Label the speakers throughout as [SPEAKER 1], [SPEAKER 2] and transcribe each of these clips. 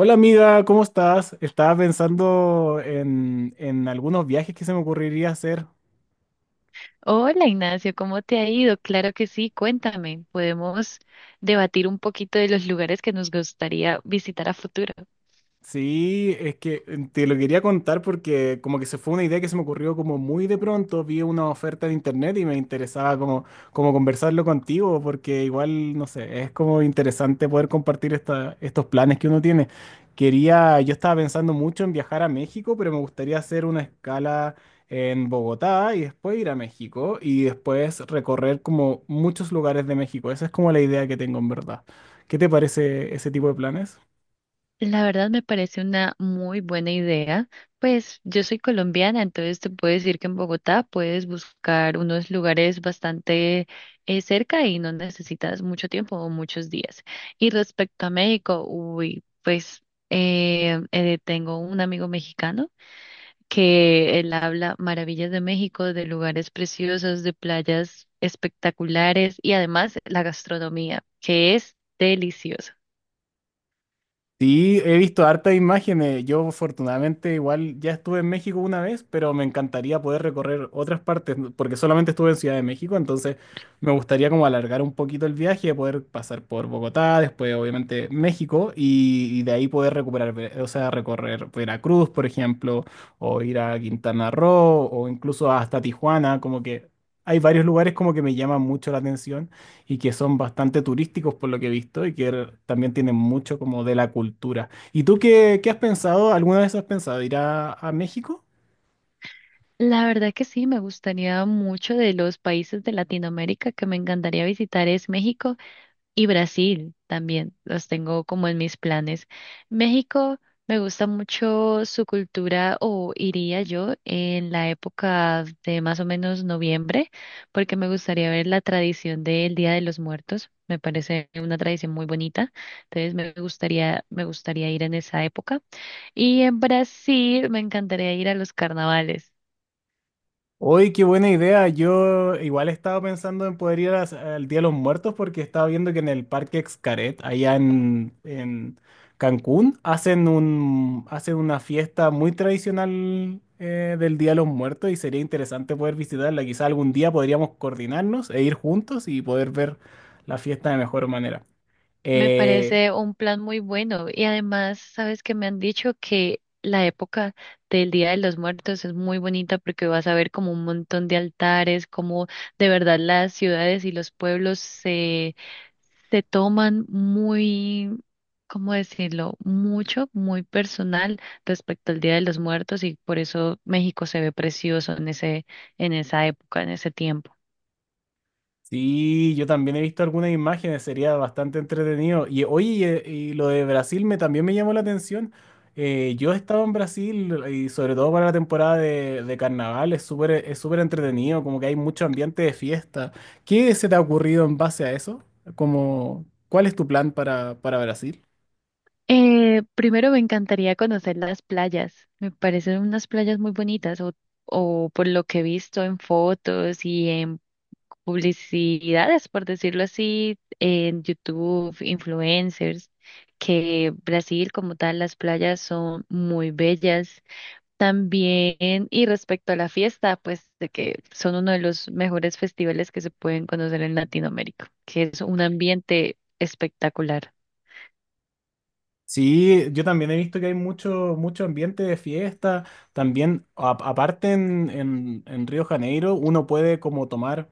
[SPEAKER 1] Hola amiga, ¿cómo estás? Estaba pensando en algunos viajes que se me ocurriría hacer.
[SPEAKER 2] Hola Ignacio, ¿cómo te ha ido? Claro que sí, cuéntame. Podemos debatir un poquito de los lugares que nos gustaría visitar a futuro.
[SPEAKER 1] Sí, es que te lo quería contar porque como que se fue una idea que se me ocurrió como muy de pronto, vi una oferta de internet y me interesaba como, como conversarlo contigo porque igual, no sé, es como interesante poder compartir esta, estos planes que uno tiene. Quería, yo estaba pensando mucho en viajar a México, pero me gustaría hacer una escala en Bogotá y después ir a México y después recorrer como muchos lugares de México. Esa es como la idea que tengo en verdad. ¿Qué te parece ese tipo de planes?
[SPEAKER 2] La verdad me parece una muy buena idea. Pues yo soy colombiana, entonces te puedo decir que en Bogotá puedes buscar unos lugares bastante cerca y no necesitas mucho tiempo o muchos días. Y respecto a México, uy, pues tengo un amigo mexicano que él habla maravillas de México, de lugares preciosos, de playas espectaculares y además la gastronomía, que es deliciosa.
[SPEAKER 1] Sí, he visto hartas imágenes. Yo afortunadamente igual ya estuve en México una vez, pero me encantaría poder recorrer otras partes, ¿no? Porque solamente estuve en Ciudad de México, entonces me gustaría como alargar un poquito el viaje, poder pasar por Bogotá, después obviamente México, y de ahí poder recuperar, o sea, recorrer Veracruz, por ejemplo, o ir a Quintana Roo, o incluso hasta Tijuana, como que hay varios lugares como que me llaman mucho la atención y que son bastante turísticos por lo que he visto y que también tienen mucho como de la cultura. ¿Y tú qué, qué has pensado? ¿Alguna vez has pensado ir a México?
[SPEAKER 2] La verdad que sí, me gustaría mucho. De los países de Latinoamérica que me encantaría visitar es México. Y Brasil también, los tengo como en mis planes. México, me gusta mucho su cultura. O iría yo en la época de más o menos noviembre, porque me gustaría ver la tradición del Día de los Muertos. Me parece una tradición muy bonita, entonces me gustaría ir en esa época. Y en Brasil me encantaría ir a los carnavales.
[SPEAKER 1] Hoy, qué buena idea. Yo igual estaba pensando en poder al Día de los Muertos porque estaba viendo que en el Parque Xcaret, allá en Cancún, hacen un, hacen una fiesta muy tradicional del Día de los Muertos y sería interesante poder visitarla. Quizá algún día podríamos coordinarnos e ir juntos y poder ver la fiesta de mejor manera.
[SPEAKER 2] Me
[SPEAKER 1] Eh,
[SPEAKER 2] parece un plan muy bueno y además, sabes que me han dicho que la época del Día de los Muertos es muy bonita porque vas a ver como un montón de altares, como de verdad las ciudades y los pueblos se toman muy, ¿cómo decirlo? Mucho, muy personal respecto al Día de los Muertos, y por eso México se ve precioso en en esa época, en ese tiempo.
[SPEAKER 1] Sí, yo también he visto algunas imágenes, sería bastante entretenido. Y oye, y lo de Brasil me, también me llamó la atención. Yo he estado en Brasil y sobre todo para la temporada de carnaval es súper entretenido, como que hay mucho ambiente de fiesta. ¿Qué se te ha ocurrido en base a eso? Como, ¿cuál es tu plan para Brasil?
[SPEAKER 2] Primero me encantaría conocer las playas. Me parecen unas playas muy o por lo que he visto en fotos y en publicidades, por decirlo así, en YouTube, influencers, que Brasil como tal, las playas son muy bellas. También, y respecto a la fiesta, pues de que son uno de los mejores festivales que se pueden conocer en Latinoamérica, que es un ambiente espectacular.
[SPEAKER 1] Sí, yo también he visto que hay mucho, mucho ambiente de fiesta. También, aparte en, en Río Janeiro, uno puede como tomar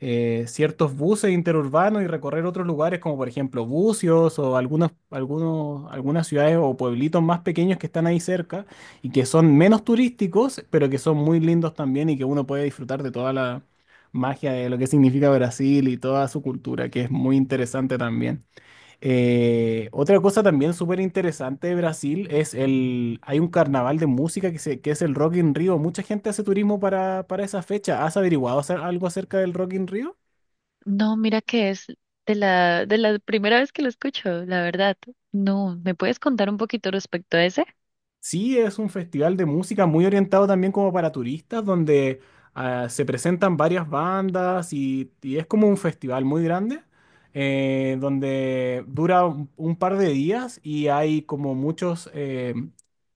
[SPEAKER 1] ciertos buses interurbanos y recorrer otros lugares, como por ejemplo Bucios o algunos, algunos, algunas ciudades o pueblitos más pequeños que están ahí cerca y que son menos turísticos, pero que son muy lindos también y que uno puede disfrutar de toda la magia de lo que significa Brasil y toda su cultura, que es muy interesante también. Otra cosa también súper interesante de Brasil es el, hay un carnaval de música que es el Rock in Rio. Mucha gente hace turismo para esa fecha. ¿Has averiguado algo acerca del Rock in Rio?
[SPEAKER 2] No, mira que es de la primera vez que lo escucho, la verdad. No, ¿me puedes contar un poquito respecto a ese?
[SPEAKER 1] Sí, es un festival de música muy orientado también como para turistas, donde se presentan varias bandas y es como un festival muy grande, donde dura un par de días y hay como muchos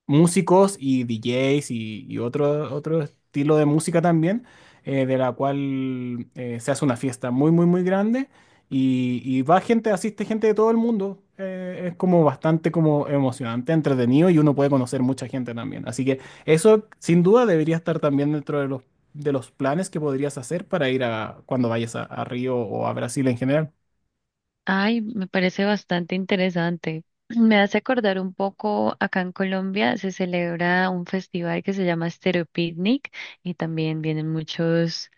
[SPEAKER 1] músicos y DJs y otro, otro estilo de música también, de la cual se hace una fiesta muy, muy, muy grande y va gente, asiste gente de todo el mundo. Es como bastante como emocionante, entretenido y uno puede conocer mucha gente también. Así que eso sin duda debería estar también dentro de los planes que podrías hacer para ir a cuando vayas a Río o a Brasil en general.
[SPEAKER 2] Ay, me parece bastante interesante. Me hace acordar un poco, acá en Colombia se celebra un festival que se llama Stereo Picnic y también vienen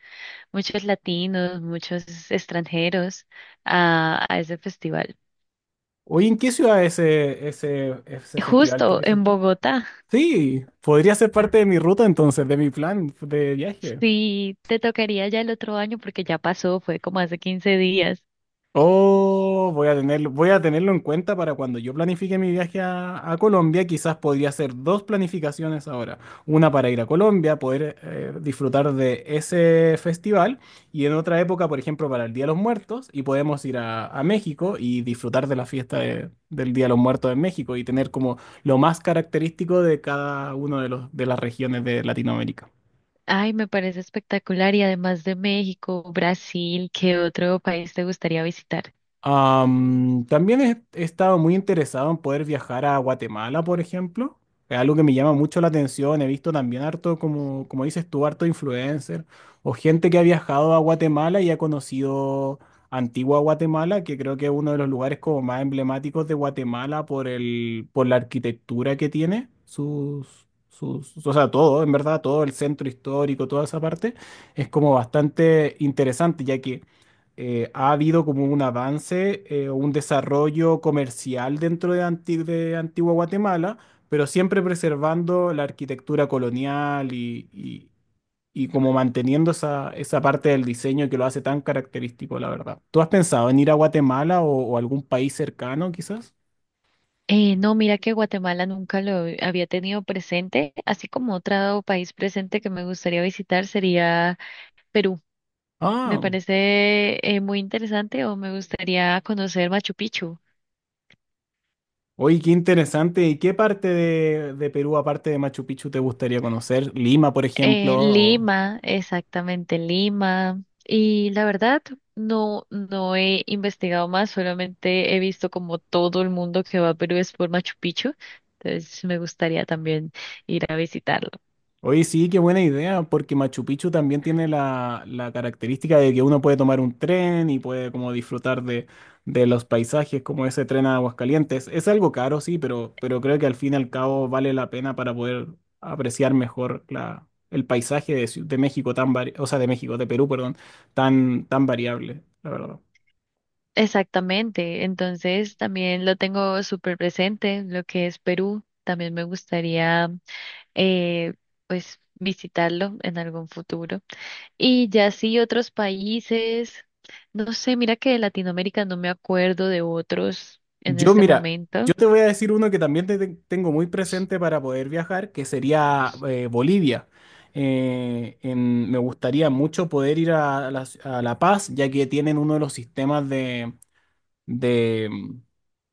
[SPEAKER 2] muchos latinos, muchos extranjeros a ese festival.
[SPEAKER 1] Oye, ¿en qué ciudad es ese, ese, ese festival que
[SPEAKER 2] Justo
[SPEAKER 1] dices
[SPEAKER 2] en
[SPEAKER 1] tú?
[SPEAKER 2] Bogotá.
[SPEAKER 1] Sí, podría ser parte de mi ruta entonces, de mi plan de viaje.
[SPEAKER 2] Sí, te tocaría ya el otro año porque ya pasó, fue como hace 15 días.
[SPEAKER 1] Oh, voy a tenerlo en cuenta para cuando yo planifique mi viaje a Colombia. Quizás podría hacer dos planificaciones ahora. Una para ir a Colombia, poder disfrutar de ese festival. Y en otra época, por ejemplo, para el Día de los Muertos. Y podemos ir a México y disfrutar de la fiesta del Día de los Muertos en México y tener como lo más característico de cada uno de los, de las regiones de Latinoamérica.
[SPEAKER 2] Ay, me parece espectacular. Y además de México, Brasil, ¿qué otro país te gustaría visitar?
[SPEAKER 1] Am, también he, he estado muy interesado en poder viajar a Guatemala, por ejemplo. Es algo que me llama mucho la atención. He visto también harto, como, como dices tú, harto influencer o gente que ha viajado a Guatemala y ha conocido Antigua Guatemala, que creo que es uno de los lugares como más emblemáticos de Guatemala por el, por la arquitectura que tiene, sus, sus, o sea, todo, en verdad, todo el centro histórico, toda esa parte, es como bastante interesante, ya que ha habido como un avance o un desarrollo comercial dentro de, de Antigua Guatemala, pero siempre preservando la arquitectura colonial y como manteniendo esa, esa parte del diseño que lo hace tan característico, la verdad. ¿Tú has pensado en ir a Guatemala o algún país cercano, quizás?
[SPEAKER 2] No, mira que Guatemala nunca lo había tenido presente, así como otro país presente que me gustaría visitar sería Perú. Me
[SPEAKER 1] Ah,
[SPEAKER 2] parece muy interesante, o me gustaría conocer Machu Picchu.
[SPEAKER 1] oye, qué interesante. ¿Y qué parte de Perú, aparte de Machu Picchu, te gustaría conocer? Lima, por ejemplo. O-
[SPEAKER 2] Lima, exactamente Lima. Y la verdad, no he investigado más, solamente he visto como todo el mundo que va a Perú es por Machu Picchu. Entonces me gustaría también ir a visitarlo.
[SPEAKER 1] Oye, sí, qué buena idea, porque Machu Picchu también tiene la, la característica de que uno puede tomar un tren y puede como disfrutar de los paisajes, como ese tren a Aguascalientes. Es algo caro, sí, pero creo que al fin y al cabo vale la pena para poder apreciar mejor la, el paisaje de, de México tan o sea, de México, de Perú, perdón, tan, tan variable, la verdad.
[SPEAKER 2] Exactamente. Entonces también lo tengo súper presente, lo que es Perú. También me gustaría eh, pues visitarlo en algún futuro. Y ya sí, otros países, no sé, mira que de Latinoamérica no me acuerdo de otros en
[SPEAKER 1] Yo,
[SPEAKER 2] este
[SPEAKER 1] mira, yo
[SPEAKER 2] momento.
[SPEAKER 1] te voy a decir uno que también tengo muy presente para poder viajar, que sería Bolivia. Me gustaría mucho poder ir a La Paz, ya que tienen uno de los sistemas de, de, mm,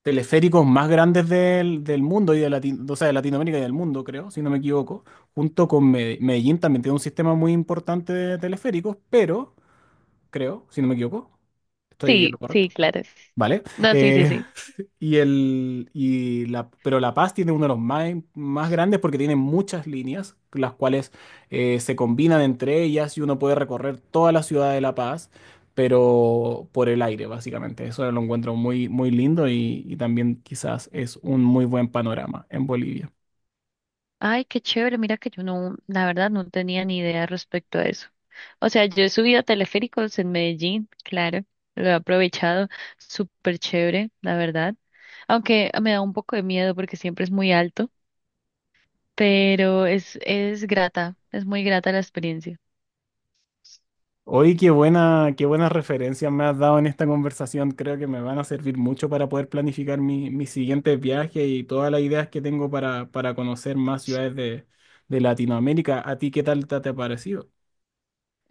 [SPEAKER 1] teleféricos más grandes del mundo y de, o sea, de Latinoamérica y del mundo, creo, si no me equivoco. Junto con Medellín también tiene un sistema muy importante de teleféricos, pero creo, si no me equivoco. Estoy en lo
[SPEAKER 2] Sí, sí,
[SPEAKER 1] correcto. Ah,
[SPEAKER 2] claro.
[SPEAKER 1] vale.
[SPEAKER 2] No, sí, sí,
[SPEAKER 1] Eh,
[SPEAKER 2] sí.
[SPEAKER 1] y el, y la, pero La Paz tiene uno de los más, más grandes porque tiene muchas líneas, las cuales se combinan entre ellas y uno puede recorrer toda la ciudad de La Paz, pero por el aire, básicamente. Eso lo encuentro muy, muy lindo y también quizás es un muy buen panorama en Bolivia.
[SPEAKER 2] Ay, qué chévere, mira que yo no, la verdad no tenía ni idea respecto a eso. O sea, yo he subido a teleféricos en Medellín, claro, lo he aprovechado, súper chévere, la verdad. Aunque me da un poco de miedo porque siempre es muy alto, pero es grata, es muy grata la experiencia.
[SPEAKER 1] Oye, qué buena, qué buenas referencias me has dado en esta conversación. Creo que me van a servir mucho para poder planificar mi, mis siguientes viajes y todas las ideas que tengo para conocer más ciudades de Latinoamérica. ¿A ti qué tal te, te ha parecido?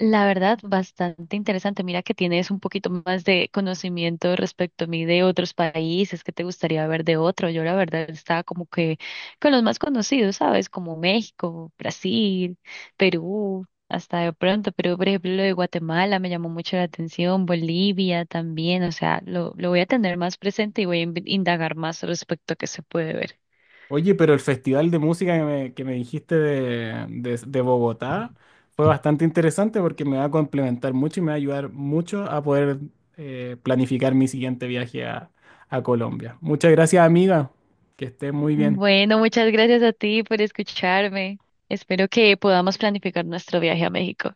[SPEAKER 2] La verdad, bastante interesante. Mira que tienes un poquito más de conocimiento respecto a mí de otros países que te gustaría ver de otro. Yo la verdad estaba como que con los más conocidos, ¿sabes? Como México, Brasil, Perú, hasta de pronto. Pero por ejemplo lo de Guatemala me llamó mucho la atención, Bolivia también. O sea, lo voy a tener más presente y voy a indagar más respecto a qué se puede ver.
[SPEAKER 1] Oye, pero el festival de música que me dijiste de, de Bogotá fue bastante interesante porque me va a complementar mucho y me va a ayudar mucho a poder planificar mi siguiente viaje a Colombia. Muchas gracias, amiga. Que estés muy bien.
[SPEAKER 2] Bueno, muchas gracias a ti por escucharme. Espero que podamos planificar nuestro viaje a México.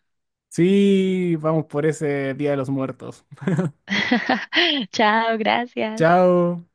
[SPEAKER 1] Sí, vamos por ese Día de los Muertos.
[SPEAKER 2] Chao, gracias.
[SPEAKER 1] Chao.